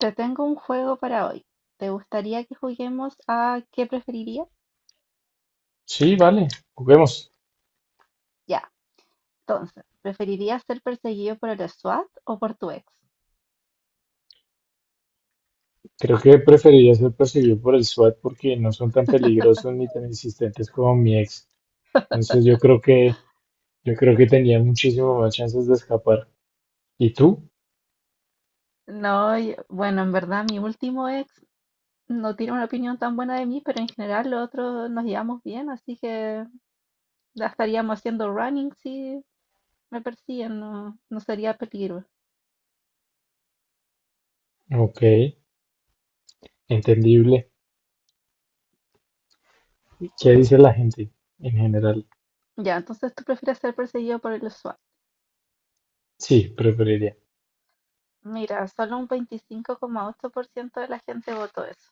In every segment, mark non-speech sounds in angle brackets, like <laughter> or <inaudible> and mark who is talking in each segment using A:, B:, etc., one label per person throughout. A: Te tengo un juego para hoy. ¿Te gustaría que juguemos a qué preferirías?
B: Sí, vale, juguemos.
A: Ya, entonces, ¿preferirías ser perseguido por el SWAT o por tu ex?
B: Creo que preferiría ser perseguido por el SWAT porque no son tan peligrosos
A: <laughs>
B: ni tan insistentes como mi ex. Entonces yo creo que tenía muchísimo más chances de escapar. ¿Y tú?
A: No, yo- bueno, en verdad mi último ex no tiene una opinión tan buena de mí, pero en general los otros nos llevamos bien, así que ya estaríamos haciendo running si me persiguen, no, no sería peligro.
B: Ok, entendible. ¿Qué dice la gente en general?
A: Ya, entonces tú prefieres ser perseguido por el SWAT.
B: Sí, preferiría.
A: Mira, solo un 25,8% de la gente votó eso.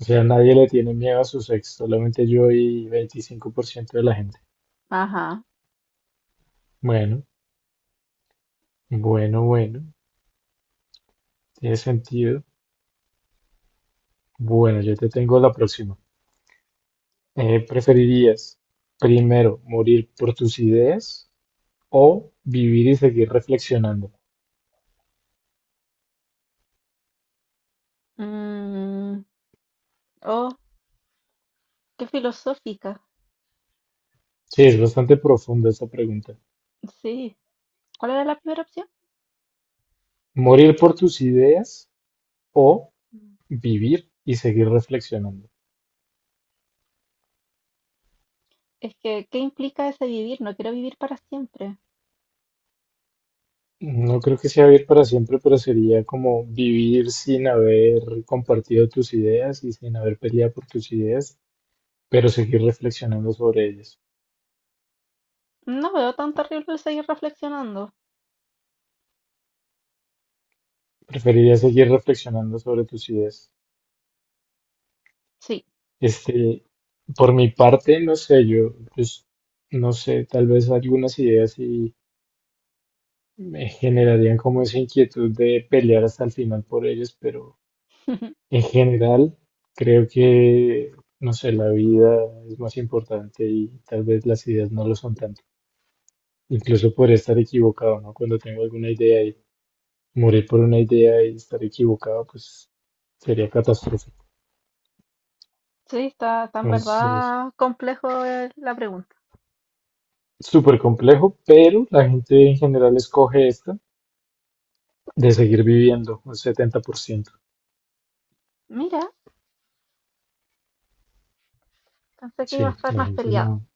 B: O sea, nadie le tiene miedo a sus ex, solamente yo y 25% de la gente.
A: Ajá.
B: Bueno, bueno, bueno, tiene sentido. Bueno, yo te tengo la próxima. ¿Preferirías primero morir por tus ideas o vivir y seguir reflexionando?
A: Mm, oh, qué filosófica.
B: Sí, es bastante profunda esa pregunta.
A: Sí. ¿Cuál era la primera opción?
B: ¿Morir por tus ideas o
A: Mm.
B: vivir y seguir reflexionando?
A: Es que, ¿qué implica ese vivir? No quiero vivir para siempre.
B: No creo que sea vivir para siempre, pero sería como vivir sin haber compartido tus ideas y sin haber peleado por tus ideas, pero seguir reflexionando sobre ellas.
A: No veo tan terrible el seguir reflexionando.
B: ¿Preferiría seguir reflexionando sobre tus ideas?
A: Sí,
B: Este, por mi parte, no sé, yo, pues, no sé, tal vez algunas ideas sí me generarían como esa inquietud de pelear hasta el final por ellas, pero
A: <laughs>
B: en general creo que, no sé, la vida es más importante y tal vez las ideas no lo son tanto. Incluso podría estar equivocado, ¿no? Cuando tengo alguna idea y morir por una idea y estar equivocado, pues sería catastrófico.
A: sí, está, está en
B: Entonces,
A: verdad complejo la pregunta.
B: súper complejo, pero la gente en general escoge esta. De seguir viviendo, un 70%.
A: Mira, pensé que iba a
B: Sí,
A: estar más peleado.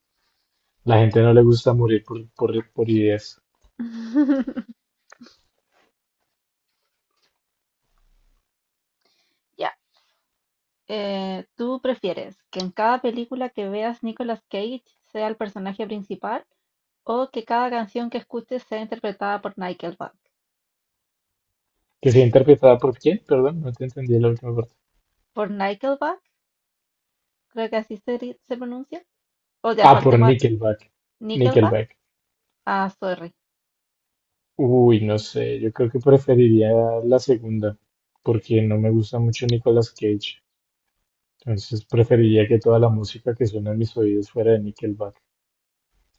B: la gente no le gusta morir por, por ideas.
A: <laughs> Ya, ¿tú prefieres que en cada película que veas Nicolas Cage sea el personaje principal o que cada canción que escuches sea interpretada por Nickelback?
B: ¿Que sea interpretada por quién? Perdón, no te entendí la última parte.
A: Por Nickelback. Creo que así se, ri- se pronuncia, o ya
B: Ah, por
A: saltemos a
B: Nickelback.
A: Nickelback.
B: Nickelback.
A: Ah, sorry.
B: Uy, no sé, yo creo que preferiría la segunda, porque no me gusta mucho Nicolas Cage. Entonces preferiría que toda la música que suena en mis oídos fuera de Nickelback.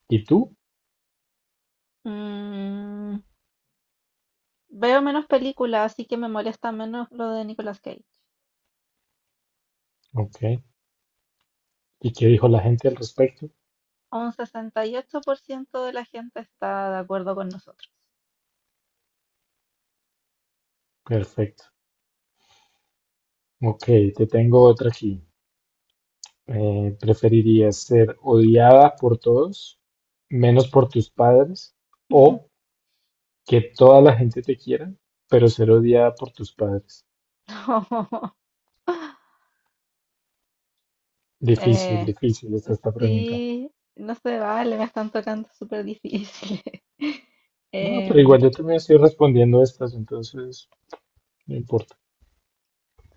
B: ¿Y tú?
A: Mm, veo menos películas, así que me molesta menos lo de Nicolas Cage.
B: Ok. ¿Y qué dijo la gente al respecto?
A: Un 68% de la gente está de acuerdo con nosotros.
B: Perfecto. Ok, te tengo otra aquí. ¿Preferirías ser odiada por todos, menos por tus padres, o
A: <laughs>
B: que toda la gente te quiera, pero ser odiada por tus padres?
A: No.
B: Difícil,
A: Eh,
B: difícil está esta pregunta.
A: sí, no se vale, me están tocando súper difíciles. <laughs>
B: No, pero
A: Em,
B: igual yo también estoy respondiendo estas, entonces no importa.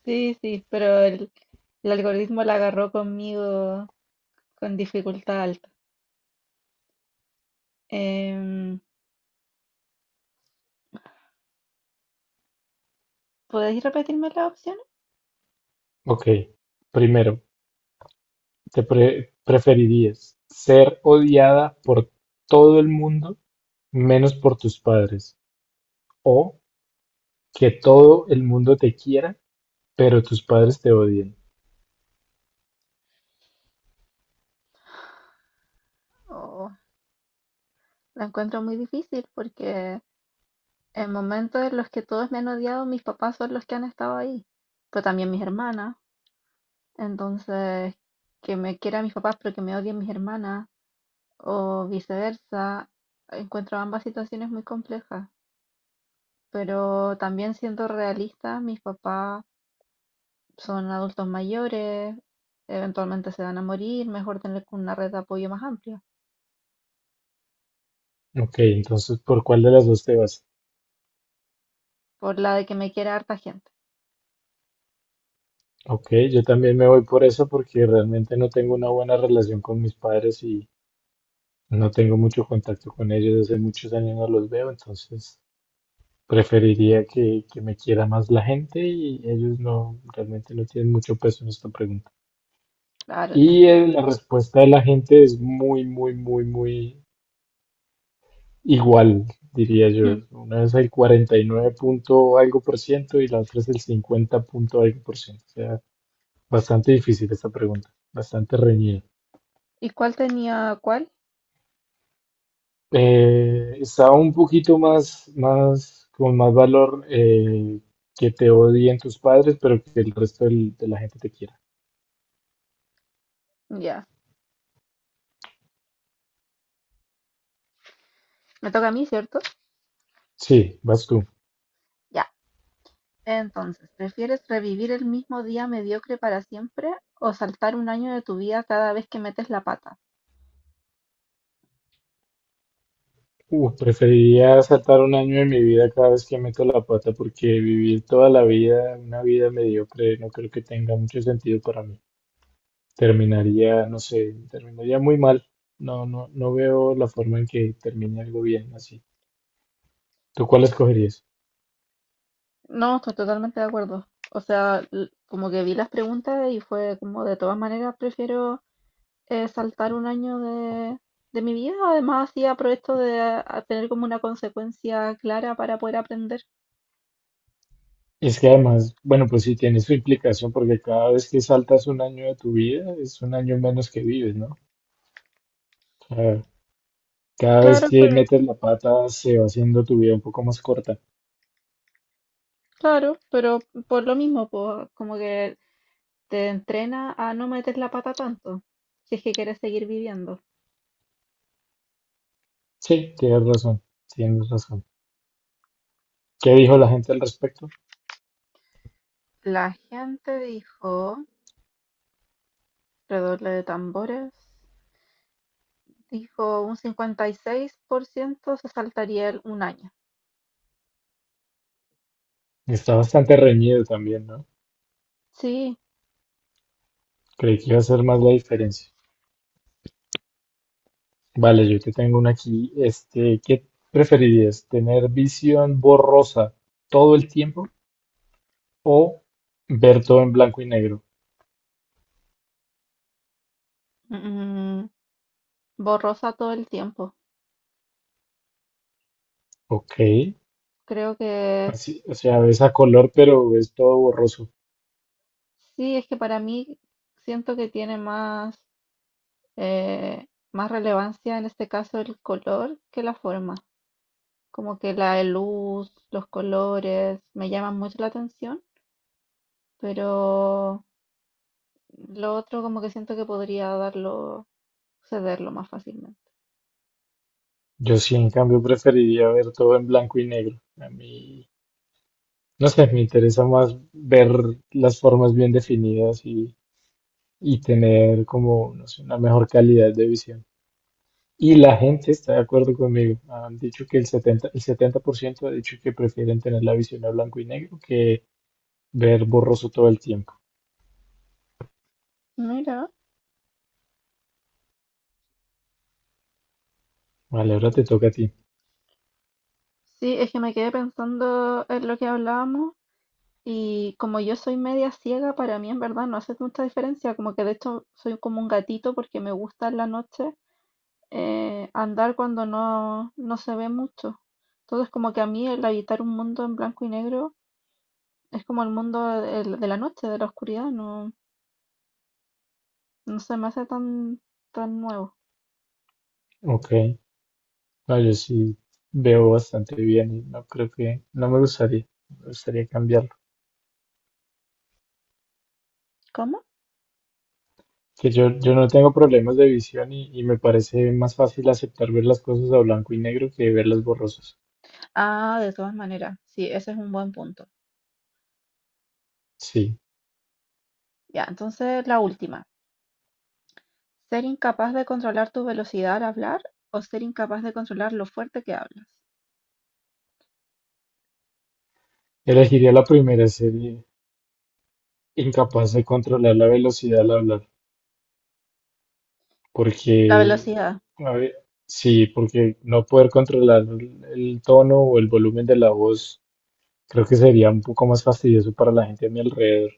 A: sí, sí, pero el algoritmo la agarró conmigo con dificultad alta. Em, ¿Podéis repetirme las opciones?
B: Ok, primero, ¿ preferirías ser odiada por todo el mundo, menos por tus padres, o que todo el mundo te quiera, pero tus padres te odien?
A: Oh, la encuentro muy difícil porque en momentos en los que todos me han odiado, mis papás son los que han estado ahí, pero también mis hermanas. Entonces, que me quieran mis papás pero que me odien mis hermanas o viceversa, encuentro ambas situaciones muy complejas. Pero también siendo realista, mis papás son adultos mayores, eventualmente se van a morir, mejor tener una red de apoyo más amplia,
B: Ok, entonces, ¿por cuál de las dos te vas?
A: por la de que me quiera harta gente.
B: Ok, yo también me voy por eso porque realmente no tengo una buena relación con mis padres y no tengo mucho contacto con ellos, hace muchos años no los veo, entonces preferiría que me quiera más la gente y ellos no, realmente no tienen mucho peso en esta pregunta.
A: Claro, te
B: Y
A: entiendo.
B: la respuesta de la gente es muy, muy, muy, muy igual, diría yo.
A: Hmm.
B: Una es el 49 punto algo por ciento y la otra es el 50 punto algo por ciento. O sea, bastante difícil esta pregunta, bastante reñida.
A: ¿Y cuál tenía cuál?
B: Está un poquito más, más, con más valor que te odien tus padres, pero que el resto de la gente te quiera.
A: Ya, me toca a mí, ¿cierto?
B: Sí, vas tú.
A: Ya. Entonces, ¿prefieres revivir el mismo día mediocre para siempre o saltar un año de tu vida cada vez que metes la pata?
B: Preferiría saltar un año de mi vida cada vez que meto la pata porque vivir toda la vida, una vida mediocre, no creo que tenga mucho sentido para mí. Terminaría, no sé, terminaría muy mal. No, no, no veo la forma en que termine algo bien así. ¿Tú cuál escogerías?
A: No, estoy totalmente de acuerdo. O sea, l- como que vi las preguntas y fue como de todas maneras prefiero saltar un año de mi vida. Además, así aprovecho de a- tener como una consecuencia clara para poder aprender.
B: Es que además, bueno, pues sí tiene su implicación porque cada vez que saltas un año de tu vida es un año menos que vives, ¿no? O sea, cada vez
A: Claro,
B: que
A: pero,
B: metes la pata se va haciendo tu vida un poco más corta.
A: claro, pero por lo mismo, pues, como que te entrena a no meter la pata tanto, si es que quieres seguir viviendo.
B: Sí, tienes razón, tienes razón. ¿Qué dijo la gente al respecto?
A: La gente dijo, redoble de tambores, dijo un 56% se saltaría el- un año.
B: Está bastante reñido también, ¿no?
A: Sí,
B: Creí que iba a ser más la diferencia. Vale, yo te tengo una aquí. Este, ¿qué preferirías? ¿Tener visión borrosa todo el tiempo o ver todo en blanco y negro?
A: mm, borrosa todo el tiempo.
B: Ok.
A: Creo que
B: Así, o sea, ves a color, pero es todo borroso.
A: sí, es que para mí siento que tiene más, eh, más relevancia en este caso el color que la forma. Como que la luz, los colores, me llaman mucho la atención, pero lo otro como que siento que podría darlo, cederlo más fácilmente.
B: Yo sí, en cambio, preferiría ver todo en blanco y negro. A mí, no sé, me interesa más ver las formas bien definidas y tener como, no sé, una mejor calidad de visión. Y la gente está de acuerdo conmigo. Han dicho que el 70% ha dicho que prefieren tener la visión a blanco y negro que ver borroso todo el tiempo.
A: Mira.
B: Vale, ahora
A: Mm,
B: te toca a ti.
A: sí, es que me quedé pensando en lo que hablábamos y como yo soy media ciega, para mí en verdad no hace mucha diferencia, como que de hecho soy como un gatito porque me gusta en la noche andar cuando no, no se ve mucho. Entonces, como que a mí el habitar un mundo en blanco y negro es como el mundo de la noche, de la oscuridad, no, no se me hace tan, tan nuevo.
B: Ok. No, yo sí veo bastante bien y no creo que, no me gustaría, me gustaría cambiarlo.
A: ¿Cómo?
B: Que yo no tengo problemas de visión y me parece más fácil aceptar ver las cosas a blanco y negro que verlas borrosas.
A: Ah, de todas maneras, sí, ese es un buen punto.
B: Sí,
A: Ya, entonces la última. Ser incapaz de controlar tu velocidad al hablar o ser incapaz de controlar lo fuerte que hablas.
B: elegiría la primera serie, incapaz de controlar la velocidad al hablar,
A: La
B: porque,
A: velocidad,
B: a ver, sí, porque no poder controlar el tono o el volumen de la voz, creo que sería un poco más fastidioso para la gente a mi alrededor.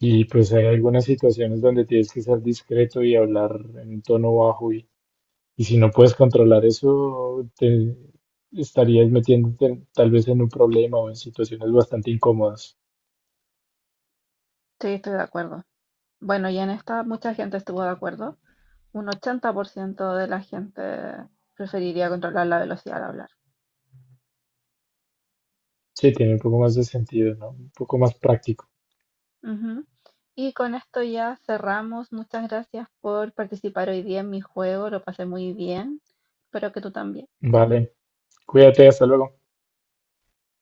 B: Y pues hay algunas situaciones donde tienes que ser discreto y hablar en un tono bajo y si no puedes controlar eso, te estarías tal vez en un problema o en situaciones bastante incómodas.
A: sí, estoy de acuerdo. Bueno, y en esta mucha gente estuvo de acuerdo. Un 80% de la gente preferiría controlar la velocidad al hablar.
B: Sí, tiene un poco más de sentido, ¿no? Un poco más práctico.
A: Ujú. Y con esto ya cerramos. Muchas gracias por participar hoy día en mi juego. Lo pasé muy bien. Espero que tú también.
B: Vale, cuídate, hasta luego.